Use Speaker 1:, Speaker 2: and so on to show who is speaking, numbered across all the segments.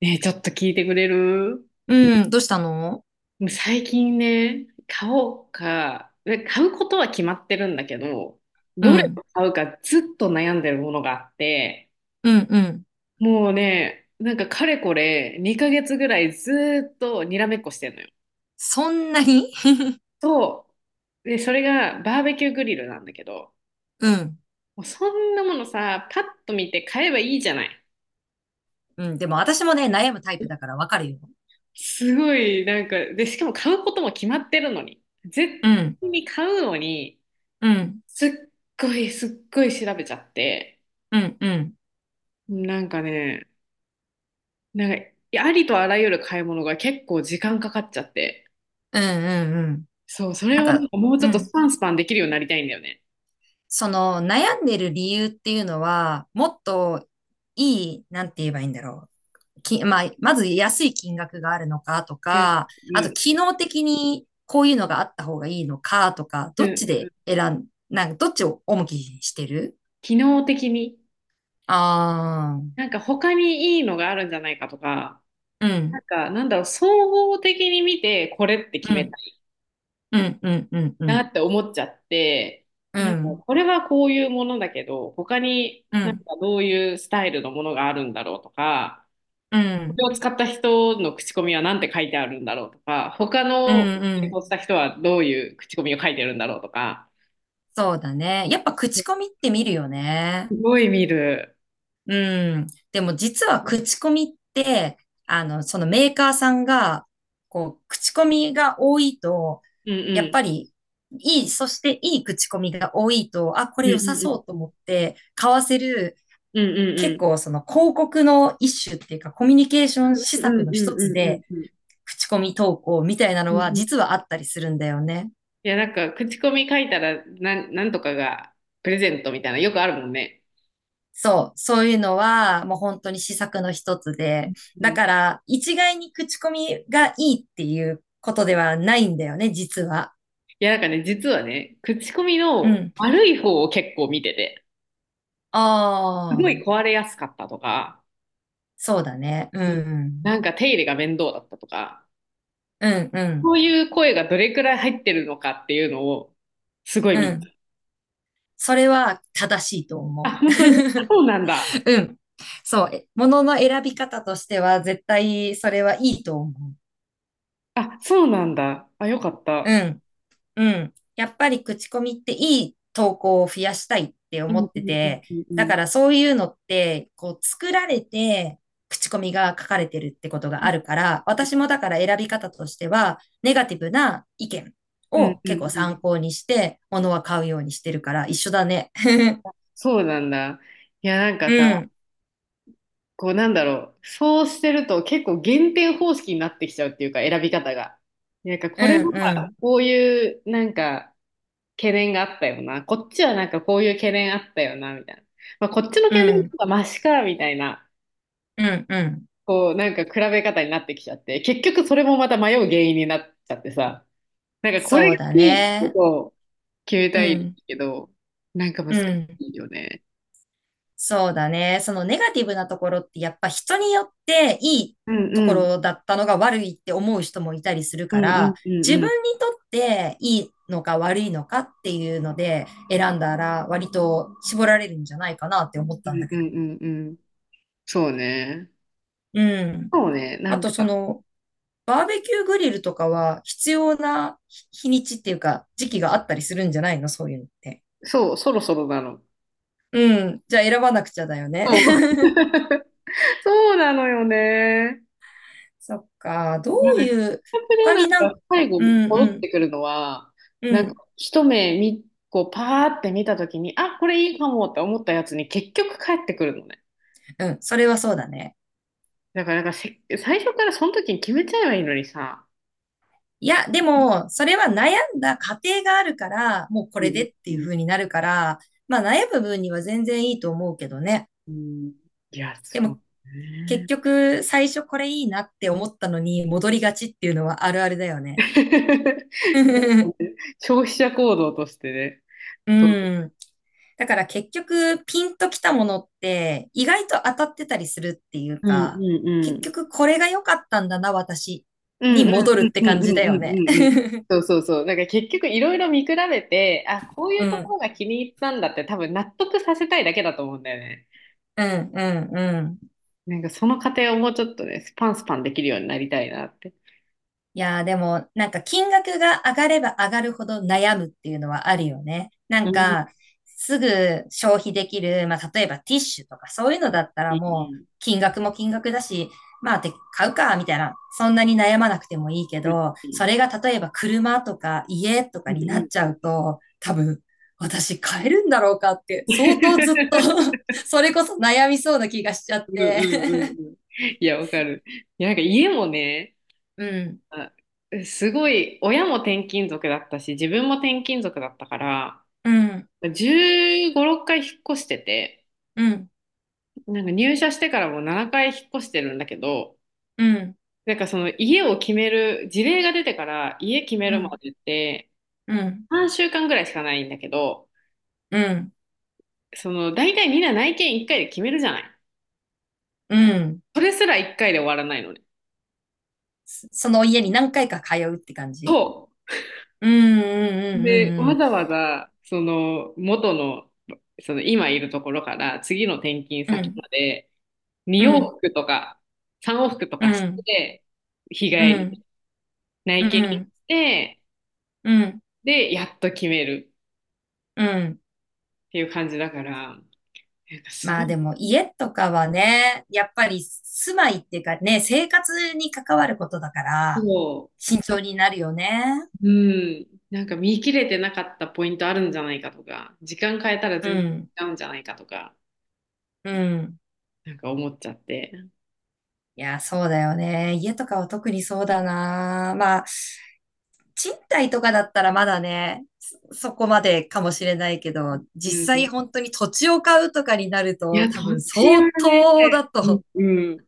Speaker 1: ねえ、ちょっと聞いてくれる？
Speaker 2: うん、どうしたの。
Speaker 1: もう最近ね、買おうか、で買うことは決まってるんだけど、
Speaker 2: う
Speaker 1: どれを
Speaker 2: ん、
Speaker 1: 買うかずっと悩んでるものがあって、
Speaker 2: うん、うん。
Speaker 1: もうね、なんかかれこれ2ヶ月ぐらいずーっとにらめっこしてんのよ。
Speaker 2: そんなに
Speaker 1: そう。で、それがバーベキューグリルなんだけど、
Speaker 2: うん、
Speaker 1: もうそんなものさ、パッと見て買えばいいじゃない。
Speaker 2: うん、でも私もね、悩むタイプだからわかるよ。
Speaker 1: すごい、なんか、で、しかも買うことも決まってるのに。
Speaker 2: う
Speaker 1: 絶
Speaker 2: ん、
Speaker 1: 対に買うのに、
Speaker 2: うん、
Speaker 1: すっすっごい調べちゃって、
Speaker 2: うん、うん、
Speaker 1: なんかね、なんか、ありとあらゆる買い物が結構時間かかっちゃって、
Speaker 2: うん、
Speaker 1: そう、そ
Speaker 2: な
Speaker 1: れ
Speaker 2: んか、うん、なん
Speaker 1: をなん
Speaker 2: か
Speaker 1: かもうちょ
Speaker 2: う
Speaker 1: っとス
Speaker 2: ん、
Speaker 1: パンスパンできるようになりたいんだよね。
Speaker 2: その悩んでる理由っていうのは、もっといい、なんて言えばいいんだろう。まあ、まず安い金額があるのかと
Speaker 1: うん、
Speaker 2: か、あ
Speaker 1: う
Speaker 2: と機
Speaker 1: ん、
Speaker 2: 能的にこういうのがあった方がいいのかとか、
Speaker 1: う
Speaker 2: どっ
Speaker 1: ん、
Speaker 2: ち
Speaker 1: う
Speaker 2: で
Speaker 1: ん。
Speaker 2: 選ん、なんかどっちを重きにしてる？
Speaker 1: 機能的に、
Speaker 2: あ
Speaker 1: なんか他にいいのがあるんじゃないかとか、
Speaker 2: あー、う
Speaker 1: なん
Speaker 2: ん。
Speaker 1: か、なんだろう、総合的に見て、これって決
Speaker 2: う
Speaker 1: めた
Speaker 2: ん、
Speaker 1: い
Speaker 2: うん、うん、うん、う
Speaker 1: な
Speaker 2: ん、
Speaker 1: って思っちゃって、
Speaker 2: う
Speaker 1: なんか、
Speaker 2: ん、
Speaker 1: これはこういうものだけど、他に
Speaker 2: う
Speaker 1: なんか
Speaker 2: ん、
Speaker 1: どういうスタイルのものがあるんだろうとか、
Speaker 2: う
Speaker 1: こ
Speaker 2: ん、
Speaker 1: れを使った人の口コミは何て書いてあるんだろうとか、他
Speaker 2: うん、
Speaker 1: の
Speaker 2: う
Speaker 1: 演
Speaker 2: ん。
Speaker 1: 奏した人はどういう口コミを書いてるんだろうとか、
Speaker 2: そうだね。やっぱ口コミって見るよね。
Speaker 1: すごい見る。
Speaker 2: うん。でも実は口コミって、そのメーカーさんが、こう、口コミが多いと、
Speaker 1: うん
Speaker 2: や
Speaker 1: う
Speaker 2: っ
Speaker 1: ん。
Speaker 2: ぱり、いい、そしていい口コミが多いと、あ、こ
Speaker 1: う
Speaker 2: れ
Speaker 1: ん
Speaker 2: 良
Speaker 1: うん
Speaker 2: さそうと
Speaker 1: うんう
Speaker 2: 思
Speaker 1: ん。
Speaker 2: って、買わせる、
Speaker 1: うんうんう
Speaker 2: 結
Speaker 1: ん
Speaker 2: 構その広告の一種っていうか、コミュニケーション施
Speaker 1: うん
Speaker 2: 策
Speaker 1: うん
Speaker 2: の一つで、
Speaker 1: うんうん。
Speaker 2: 口コミ投稿みたいな
Speaker 1: う
Speaker 2: の
Speaker 1: んう
Speaker 2: は
Speaker 1: ん。い
Speaker 2: 実はあったりするんだよね。
Speaker 1: や、なんか、口コミ書いたら、なんとかがプレゼントみたいな、よくあるもんね。
Speaker 2: そう、そういうのはもう本当に施策の一つで、
Speaker 1: う
Speaker 2: だ
Speaker 1: ん。
Speaker 2: か
Speaker 1: い
Speaker 2: ら一概に口コミがいいっていうことではないんだよね、実は。
Speaker 1: や、なんかね、実はね、口コミ
Speaker 2: う
Speaker 1: の
Speaker 2: ん。
Speaker 1: 悪い方を結構見てて、す
Speaker 2: あ
Speaker 1: ごい
Speaker 2: あ、
Speaker 1: 壊れやすかったとか、
Speaker 2: そうだね。う
Speaker 1: うん、
Speaker 2: ん。
Speaker 1: なんか手入れが面倒だったとか、
Speaker 2: うん、う
Speaker 1: そ
Speaker 2: ん、
Speaker 1: ういう声がどれくらい入ってるのかっていうのを、すごい
Speaker 2: う
Speaker 1: 見た。
Speaker 2: ん。それは正しいと
Speaker 1: あ、
Speaker 2: 思う。
Speaker 1: 本当に、そうなんだ。
Speaker 2: うん。そう、ものの選び方としては絶対それはいいと思う。
Speaker 1: あ、そうなんだ。あ、よかっ
Speaker 2: う
Speaker 1: た。
Speaker 2: ん。うん。やっぱり口コミっていい投稿を増やしたいって
Speaker 1: うん
Speaker 2: 思
Speaker 1: うん
Speaker 2: って
Speaker 1: うん
Speaker 2: て、
Speaker 1: うんう
Speaker 2: だか
Speaker 1: ん。
Speaker 2: らそういうのって、こう作られて口コミが書かれてるってことがあるから、私もだから選び方としては、ネガティブな意見
Speaker 1: う
Speaker 2: を
Speaker 1: んう
Speaker 2: 結構
Speaker 1: んう
Speaker 2: 参
Speaker 1: ん。
Speaker 2: 考にして、物は買うようにしてるから一緒だね。
Speaker 1: そうなんだ。いや、なんか
Speaker 2: う
Speaker 1: さ、
Speaker 2: ん、
Speaker 1: こうなんだろう。そうしてると結構減点方式になってきちゃうっていうか、選び方が。なんか
Speaker 2: う
Speaker 1: これ
Speaker 2: ん、う
Speaker 1: は
Speaker 2: ん、
Speaker 1: こういうなんか懸念があったよな。こっちはなんかこういう懸念あったよな、みたいな。まあ、こっちの
Speaker 2: う
Speaker 1: 懸念
Speaker 2: ん、
Speaker 1: とかマシか、みたいな。
Speaker 2: うん、うん。
Speaker 1: こう、なんか比べ方になってきちゃって、結局それもまた迷う原因になっちゃってさ、なんかこれ
Speaker 2: そう
Speaker 1: が
Speaker 2: だ
Speaker 1: いいってこ
Speaker 2: ね。
Speaker 1: とを決め
Speaker 2: う
Speaker 1: たい
Speaker 2: ん、
Speaker 1: けど、なんか
Speaker 2: う
Speaker 1: 難し
Speaker 2: ん。
Speaker 1: いよね。
Speaker 2: そうだね。そのネガティブなところってやっぱ人によっていい
Speaker 1: うん
Speaker 2: とこ
Speaker 1: うん。
Speaker 2: ろだったのが悪いって思う人もいたりする
Speaker 1: うん
Speaker 2: か
Speaker 1: うん
Speaker 2: ら、
Speaker 1: う
Speaker 2: 自
Speaker 1: んう
Speaker 2: 分
Speaker 1: ん。
Speaker 2: にとっていいのか悪いのかっていうので選んだら割と絞られるんじゃないかなって思っ
Speaker 1: う
Speaker 2: たん
Speaker 1: ん
Speaker 2: だ
Speaker 1: う
Speaker 2: けど。
Speaker 1: んうんうん。そうね。
Speaker 2: うん。
Speaker 1: そうね。な
Speaker 2: あ
Speaker 1: ん
Speaker 2: とそ
Speaker 1: か、
Speaker 2: のバーベキューグリルとかは必要な日にちっていうか時期があったりするんじゃないのそういうのって？
Speaker 1: そう、そろそろなの。
Speaker 2: うん。じゃあ選ばなくちゃだよね。
Speaker 1: そう。そうなのよね。
Speaker 2: そっか、ど
Speaker 1: なんか、
Speaker 2: ういう、
Speaker 1: プレー
Speaker 2: 他
Speaker 1: なん
Speaker 2: になん
Speaker 1: か最
Speaker 2: か、
Speaker 1: 後
Speaker 2: うんう
Speaker 1: 戻っ
Speaker 2: ん、
Speaker 1: てくるのは、
Speaker 2: う
Speaker 1: なんか
Speaker 2: ん、
Speaker 1: 一目見、こうパーって見たときに、あ、これいいかもって思ったやつに結局帰ってくるのね。
Speaker 2: うん、それはそうだね。
Speaker 1: だから、なんかせ、最初からその時に決めちゃえばいいのにさ。
Speaker 2: いや、でも、それは悩んだ過程があるから、もうこ
Speaker 1: う
Speaker 2: れで
Speaker 1: ん、
Speaker 2: って
Speaker 1: う
Speaker 2: いう
Speaker 1: ん、
Speaker 2: 風になるから、まあ悩む分には全然いいと思うけどね。
Speaker 1: うん。いや、
Speaker 2: で
Speaker 1: そう
Speaker 2: も、結
Speaker 1: ね。
Speaker 2: 局、最初これいいなって思ったのに戻りがちっていうのはあるあるだよね。
Speaker 1: 消費者行動としてね。
Speaker 2: う
Speaker 1: そう。
Speaker 2: ん。だから結局ピンときたものって意外と当たってたりするっていう
Speaker 1: うん
Speaker 2: か、
Speaker 1: う
Speaker 2: 結
Speaker 1: ん
Speaker 2: 局これが良かったんだな、私
Speaker 1: うんう
Speaker 2: に
Speaker 1: ん
Speaker 2: 戻る
Speaker 1: う
Speaker 2: っ
Speaker 1: ん
Speaker 2: て
Speaker 1: う
Speaker 2: 感
Speaker 1: んう
Speaker 2: じだ
Speaker 1: ん
Speaker 2: よ
Speaker 1: う
Speaker 2: ね。
Speaker 1: んうんうん。そうそうそう。なんか結局いろいろ見比べて、あ、こう
Speaker 2: う
Speaker 1: いうとこ
Speaker 2: ん。
Speaker 1: ろが気に入ったんだって多分納得させたいだけだと思うんだよね。
Speaker 2: うん、うん、うん。
Speaker 1: なんかその過程をもうちょっとね、スパンスパンできるようになりたいなって。
Speaker 2: いやーでも、なんか金額が上がれば上がるほど悩むっていうのはあるよね。な
Speaker 1: う
Speaker 2: ん
Speaker 1: ん、
Speaker 2: か、すぐ消費できる、まあ例えばティッシュとかそういうのだった
Speaker 1: い
Speaker 2: ら
Speaker 1: い、
Speaker 2: も
Speaker 1: い
Speaker 2: う
Speaker 1: い、
Speaker 2: 金額も金額だし、まあて買うか、みたいな。そんなに悩まなくてもいいけ
Speaker 1: うん、
Speaker 2: ど、
Speaker 1: い
Speaker 2: そ
Speaker 1: い、
Speaker 2: れが例えば車とか家と
Speaker 1: う
Speaker 2: か
Speaker 1: ん、
Speaker 2: になっ
Speaker 1: い
Speaker 2: ちゃ
Speaker 1: い。
Speaker 2: うと、多分、私買えるんだろうかって相当ずっと それこそ悩みそうな気がしちゃっ
Speaker 1: うん
Speaker 2: て
Speaker 1: うんうんうん。いや、わかる。いや、なんか家もね、
Speaker 2: うん、
Speaker 1: あすごい、親も転勤族だったし、自分も転勤族だったから、
Speaker 2: うん、
Speaker 1: 15、6回引っ越してて、
Speaker 2: うん、
Speaker 1: なんか入社してからもう7回引っ越してるんだけど、
Speaker 2: うん、
Speaker 1: なんかその家を決める、事例が出てから家決め
Speaker 2: う
Speaker 1: るま
Speaker 2: ん、
Speaker 1: でって
Speaker 2: うん。
Speaker 1: 3週間ぐらいしかないんだけど、
Speaker 2: うん、
Speaker 1: その大体みんな内見1回で決めるじゃない。
Speaker 2: うん。
Speaker 1: それすら1回で終わらないのね。
Speaker 2: その家に何回か通うって感
Speaker 1: そ
Speaker 2: じ？うん、う
Speaker 1: う。で、わ
Speaker 2: ん、
Speaker 1: ざわざその元の、その今いるところから次の転勤
Speaker 2: うん、う
Speaker 1: 先
Speaker 2: ん、
Speaker 1: まで
Speaker 2: う
Speaker 1: 2往
Speaker 2: ん、
Speaker 1: 復とか3往復と
Speaker 2: う
Speaker 1: かし
Speaker 2: ん、
Speaker 1: て、日
Speaker 2: うん、
Speaker 1: 帰り、内
Speaker 2: うん、う
Speaker 1: 見
Speaker 2: ん、う
Speaker 1: し
Speaker 2: ん、
Speaker 1: て、
Speaker 2: うん。
Speaker 1: で、やっと決める。
Speaker 2: うん。
Speaker 1: っていう感じだから、なんかす
Speaker 2: ま
Speaker 1: ご
Speaker 2: あ
Speaker 1: い、
Speaker 2: でも家とかはね、やっぱり住まいっていうかね、生活に関わることだから、
Speaker 1: そ
Speaker 2: 慎重になるよね。
Speaker 1: う、うん、なんか見切れてなかったポイントあるんじゃないかとか、時間変えたら
Speaker 2: う
Speaker 1: 全然
Speaker 2: ん、
Speaker 1: 違うんじゃないかとか、
Speaker 2: うん。
Speaker 1: なんか思っちゃって。
Speaker 2: いや、そうだよね。家とかは特にそうだな。まあ、賃貸とかだったらまだね、そこまでかもしれないけど、
Speaker 1: う
Speaker 2: 実
Speaker 1: ん。
Speaker 2: 際本当に土地を買うとかになる
Speaker 1: い
Speaker 2: と、
Speaker 1: や、
Speaker 2: 多
Speaker 1: 土
Speaker 2: 分
Speaker 1: 地
Speaker 2: 相
Speaker 1: はね、
Speaker 2: 当だ
Speaker 1: うん、
Speaker 2: と、
Speaker 1: うん、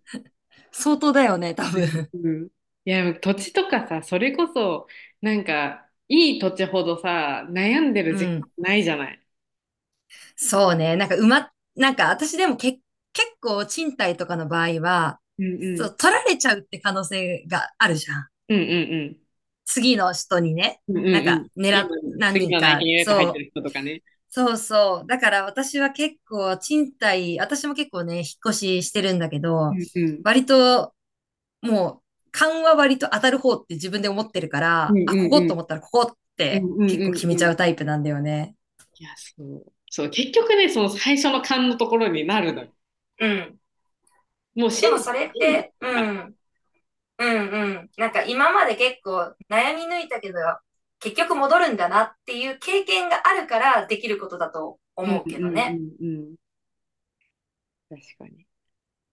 Speaker 2: 相当だよね、多分。
Speaker 1: うん。いや、土地とかさ、それこそ、なんか、いい土地ほどさ、悩んでる
Speaker 2: う
Speaker 1: 時間
Speaker 2: ん。
Speaker 1: ないじゃない。
Speaker 2: そうね。なんかうま、なんか私でもけ、結構賃貸とかの場合は、
Speaker 1: うんう
Speaker 2: そ
Speaker 1: ん
Speaker 2: う、取られちゃうって可能性があるじゃん。
Speaker 1: うん
Speaker 2: 次の人にね、
Speaker 1: うんうんう
Speaker 2: なん
Speaker 1: んうんう
Speaker 2: か
Speaker 1: ん。
Speaker 2: 狙
Speaker 1: 今、
Speaker 2: っ、何
Speaker 1: 次
Speaker 2: 人
Speaker 1: の内
Speaker 2: か、
Speaker 1: 見予約入って
Speaker 2: そう、
Speaker 1: る人とかね。
Speaker 2: そうそう。だから私は結構賃貸、私も結構ね、引っ越ししてるんだけ
Speaker 1: う
Speaker 2: ど、
Speaker 1: んうん
Speaker 2: 割ともう勘は割と当たる方って自分で思ってるか
Speaker 1: うん
Speaker 2: ら、
Speaker 1: う
Speaker 2: あ、ここと
Speaker 1: ん
Speaker 2: 思ったらここっ
Speaker 1: うん
Speaker 2: て
Speaker 1: うんう
Speaker 2: 結構
Speaker 1: ん
Speaker 2: 決
Speaker 1: う
Speaker 2: め
Speaker 1: ん
Speaker 2: ち
Speaker 1: うん。
Speaker 2: ゃ
Speaker 1: い
Speaker 2: うタイプなんだよね。
Speaker 1: や、そう。そう、結局ね、その最初の勘のところになるのよ。
Speaker 2: うん。
Speaker 1: もう
Speaker 2: で
Speaker 1: 信
Speaker 2: も
Speaker 1: じ、
Speaker 2: それっ
Speaker 1: 信じ
Speaker 2: て、
Speaker 1: て
Speaker 2: う
Speaker 1: たから。
Speaker 2: ん、うんうん。なんか今まで結構悩み抜いたけど、結局戻るんだなっていう経験があるからできることだと
Speaker 1: うん
Speaker 2: 思う
Speaker 1: うん
Speaker 2: け
Speaker 1: う
Speaker 2: どね。
Speaker 1: んうん。確かに。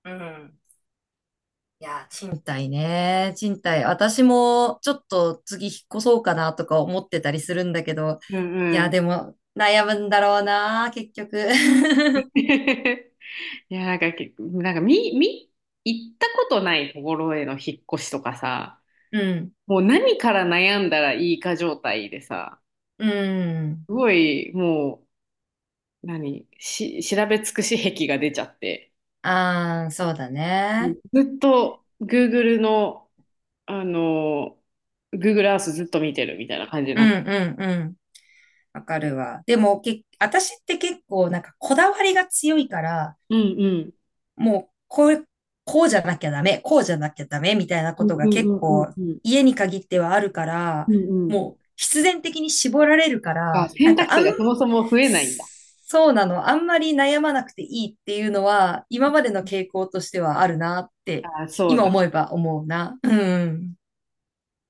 Speaker 2: うん。いやー、賃貸ね。賃貸。私もちょっと次引っ越そうかなとか思ってたりするんだけど。
Speaker 1: うん
Speaker 2: い
Speaker 1: う
Speaker 2: やー、
Speaker 1: ん。
Speaker 2: でも悩むんだろうな、結局。
Speaker 1: いや、なんか、けなんか、み、み、行ったことないところへの引っ越しとかさ、
Speaker 2: うん。
Speaker 1: もう何から悩んだらいいか状態でさ、
Speaker 2: うん。
Speaker 1: すごい、もう、調べ尽くし癖が出ちゃって、
Speaker 2: ああ、そうだね。
Speaker 1: ずっと Google のあの、Google Earth ずっと見てるみたいな感じに
Speaker 2: う
Speaker 1: な
Speaker 2: ん
Speaker 1: って。
Speaker 2: うんうん。わかるわ。でも、私って結構なんかこだわりが強いから、
Speaker 1: うんうん
Speaker 2: もう、こう、こうじゃなきゃダメ、こうじゃなきゃダメみたいな
Speaker 1: う
Speaker 2: こと
Speaker 1: ん
Speaker 2: が
Speaker 1: うんう
Speaker 2: 結
Speaker 1: んうん
Speaker 2: 構
Speaker 1: うん
Speaker 2: 家に限ってはあるから、
Speaker 1: うんうん。
Speaker 2: もう必然的に絞られるか
Speaker 1: あ、
Speaker 2: ら、
Speaker 1: 選択肢がそもそも増えないんだ。
Speaker 2: そうなの、あんまり悩まなくていいっていうのは、今までの傾向としてはあるなって、
Speaker 1: あ、そう
Speaker 2: 今
Speaker 1: だ。
Speaker 2: 思えば思うな。うん、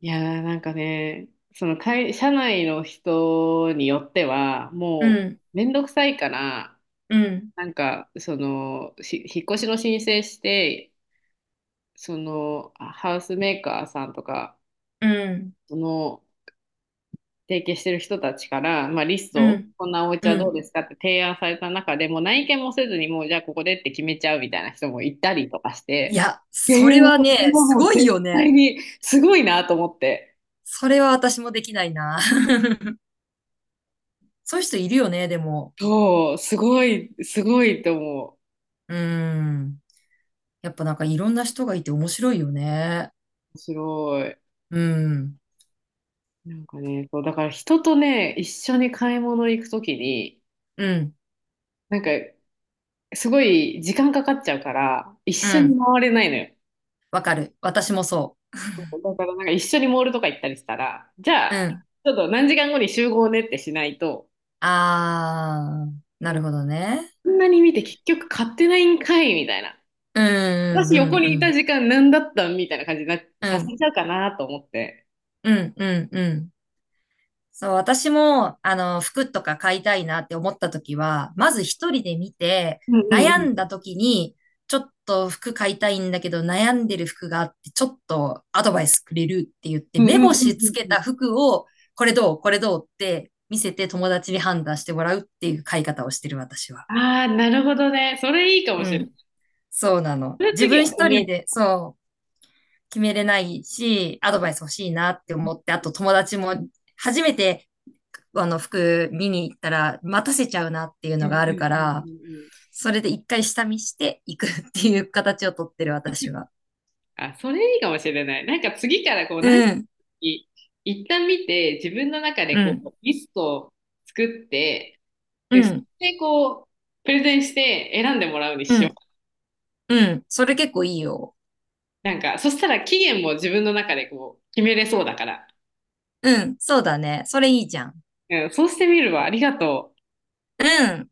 Speaker 1: いやー、なんかね、その会、社内の人によっては、
Speaker 2: う
Speaker 1: も
Speaker 2: ん、
Speaker 1: う、めんどくさいから、
Speaker 2: うん、
Speaker 1: なんか、その、引っ越しの申請して、その、ハウスメーカーさんとか、
Speaker 2: うん、
Speaker 1: その、提携してる人たちから、まあ、リス
Speaker 2: う
Speaker 1: トを、
Speaker 2: ん、
Speaker 1: こんなお家
Speaker 2: う
Speaker 1: はどう
Speaker 2: ん。
Speaker 1: ですかって提案された中でもう内見もせずに、もうじゃあここでって決めちゃうみたいな人もいたりとかし
Speaker 2: い
Speaker 1: て、
Speaker 2: や、
Speaker 1: いやい
Speaker 2: そ
Speaker 1: や
Speaker 2: れ
Speaker 1: もう
Speaker 2: は
Speaker 1: こ
Speaker 2: ね、
Speaker 1: れは
Speaker 2: す
Speaker 1: も
Speaker 2: ご
Speaker 1: う
Speaker 2: い
Speaker 1: 絶
Speaker 2: よね。
Speaker 1: 対にすごいなと思って。
Speaker 2: それは私もできないな。そういう人いるよね、でも。
Speaker 1: そう、すごい、すごいと思う。
Speaker 2: うん。やっぱなんかいろんな人がいて面白いよね。
Speaker 1: 面白い。
Speaker 2: うん。
Speaker 1: なんかね、そう、だから人とね、一緒に買い物行くときに、
Speaker 2: うん。
Speaker 1: なんか、すごい時間かかっちゃうから、一
Speaker 2: う
Speaker 1: 緒に
Speaker 2: ん。
Speaker 1: 回れないのよ。
Speaker 2: わかる。私もそ
Speaker 1: だからなんか一緒にモールとか行ったりしたら、じゃあ、
Speaker 2: う。うん。
Speaker 1: ちょっと何時間後に集合ねってしないと、
Speaker 2: あー、な
Speaker 1: そ
Speaker 2: る
Speaker 1: う
Speaker 2: ほどね。
Speaker 1: こんなに見て結局買ってないんかいみたいな。
Speaker 2: うん、う
Speaker 1: 私
Speaker 2: ん、う
Speaker 1: 横
Speaker 2: ん、
Speaker 1: に
Speaker 2: う
Speaker 1: いた
Speaker 2: ん。
Speaker 1: 時間何だったんみたいな感じにな
Speaker 2: う
Speaker 1: させ
Speaker 2: ん、
Speaker 1: ちゃうかなと思って。
Speaker 2: うん、うん、うん。そう、私も、服とか買いたいなって思った時は、まず一人で見て、
Speaker 1: うん
Speaker 2: 悩
Speaker 1: うん
Speaker 2: ん
Speaker 1: う
Speaker 2: だ
Speaker 1: ん。
Speaker 2: 時に、ちょっと服買いたいんだけど、悩んでる服があって、ちょっとアドバイスくれるって言って、
Speaker 1: うん
Speaker 2: 目
Speaker 1: うんうん
Speaker 2: 星
Speaker 1: う
Speaker 2: つ
Speaker 1: ん
Speaker 2: け
Speaker 1: うん。
Speaker 2: た服を、これどうこれどうって見せて友達に判断してもらうっていう買い方をしてる私は。
Speaker 1: ああ、なるほどね。それいいかも
Speaker 2: う
Speaker 1: しれな
Speaker 2: ん。
Speaker 1: い。
Speaker 2: そうなの。
Speaker 1: それ
Speaker 2: 自
Speaker 1: 次は
Speaker 2: 分一人で、そう、決めれないし、アドバイス欲しいなって思って、あと友達も初めてあの服見に行ったら待たせちゃうなっていう
Speaker 1: う。
Speaker 2: の
Speaker 1: う
Speaker 2: が
Speaker 1: ん
Speaker 2: あ
Speaker 1: う
Speaker 2: る
Speaker 1: ん
Speaker 2: か
Speaker 1: う
Speaker 2: ら、
Speaker 1: んうんうん。
Speaker 2: それで一回下見していくっていう形をとってる私は。
Speaker 1: あ、それいいかもしれない。なんか次からこう、
Speaker 2: うん、
Speaker 1: い一旦見て、自分の中で
Speaker 2: う
Speaker 1: こ
Speaker 2: ん、
Speaker 1: う、リストを作って、
Speaker 2: う
Speaker 1: で、そ
Speaker 2: ん、
Speaker 1: れでこう、プレゼンして選んでもらうに
Speaker 2: う
Speaker 1: しよ
Speaker 2: ん、
Speaker 1: う。
Speaker 2: うん。それ結構いいよ。
Speaker 1: なんか、そしたら期限も自分の中でこう、決めれそうだから。
Speaker 2: うん、そうだね。それいいじゃん。
Speaker 1: うん、そうしてみるわ。ありがとう。
Speaker 2: うん。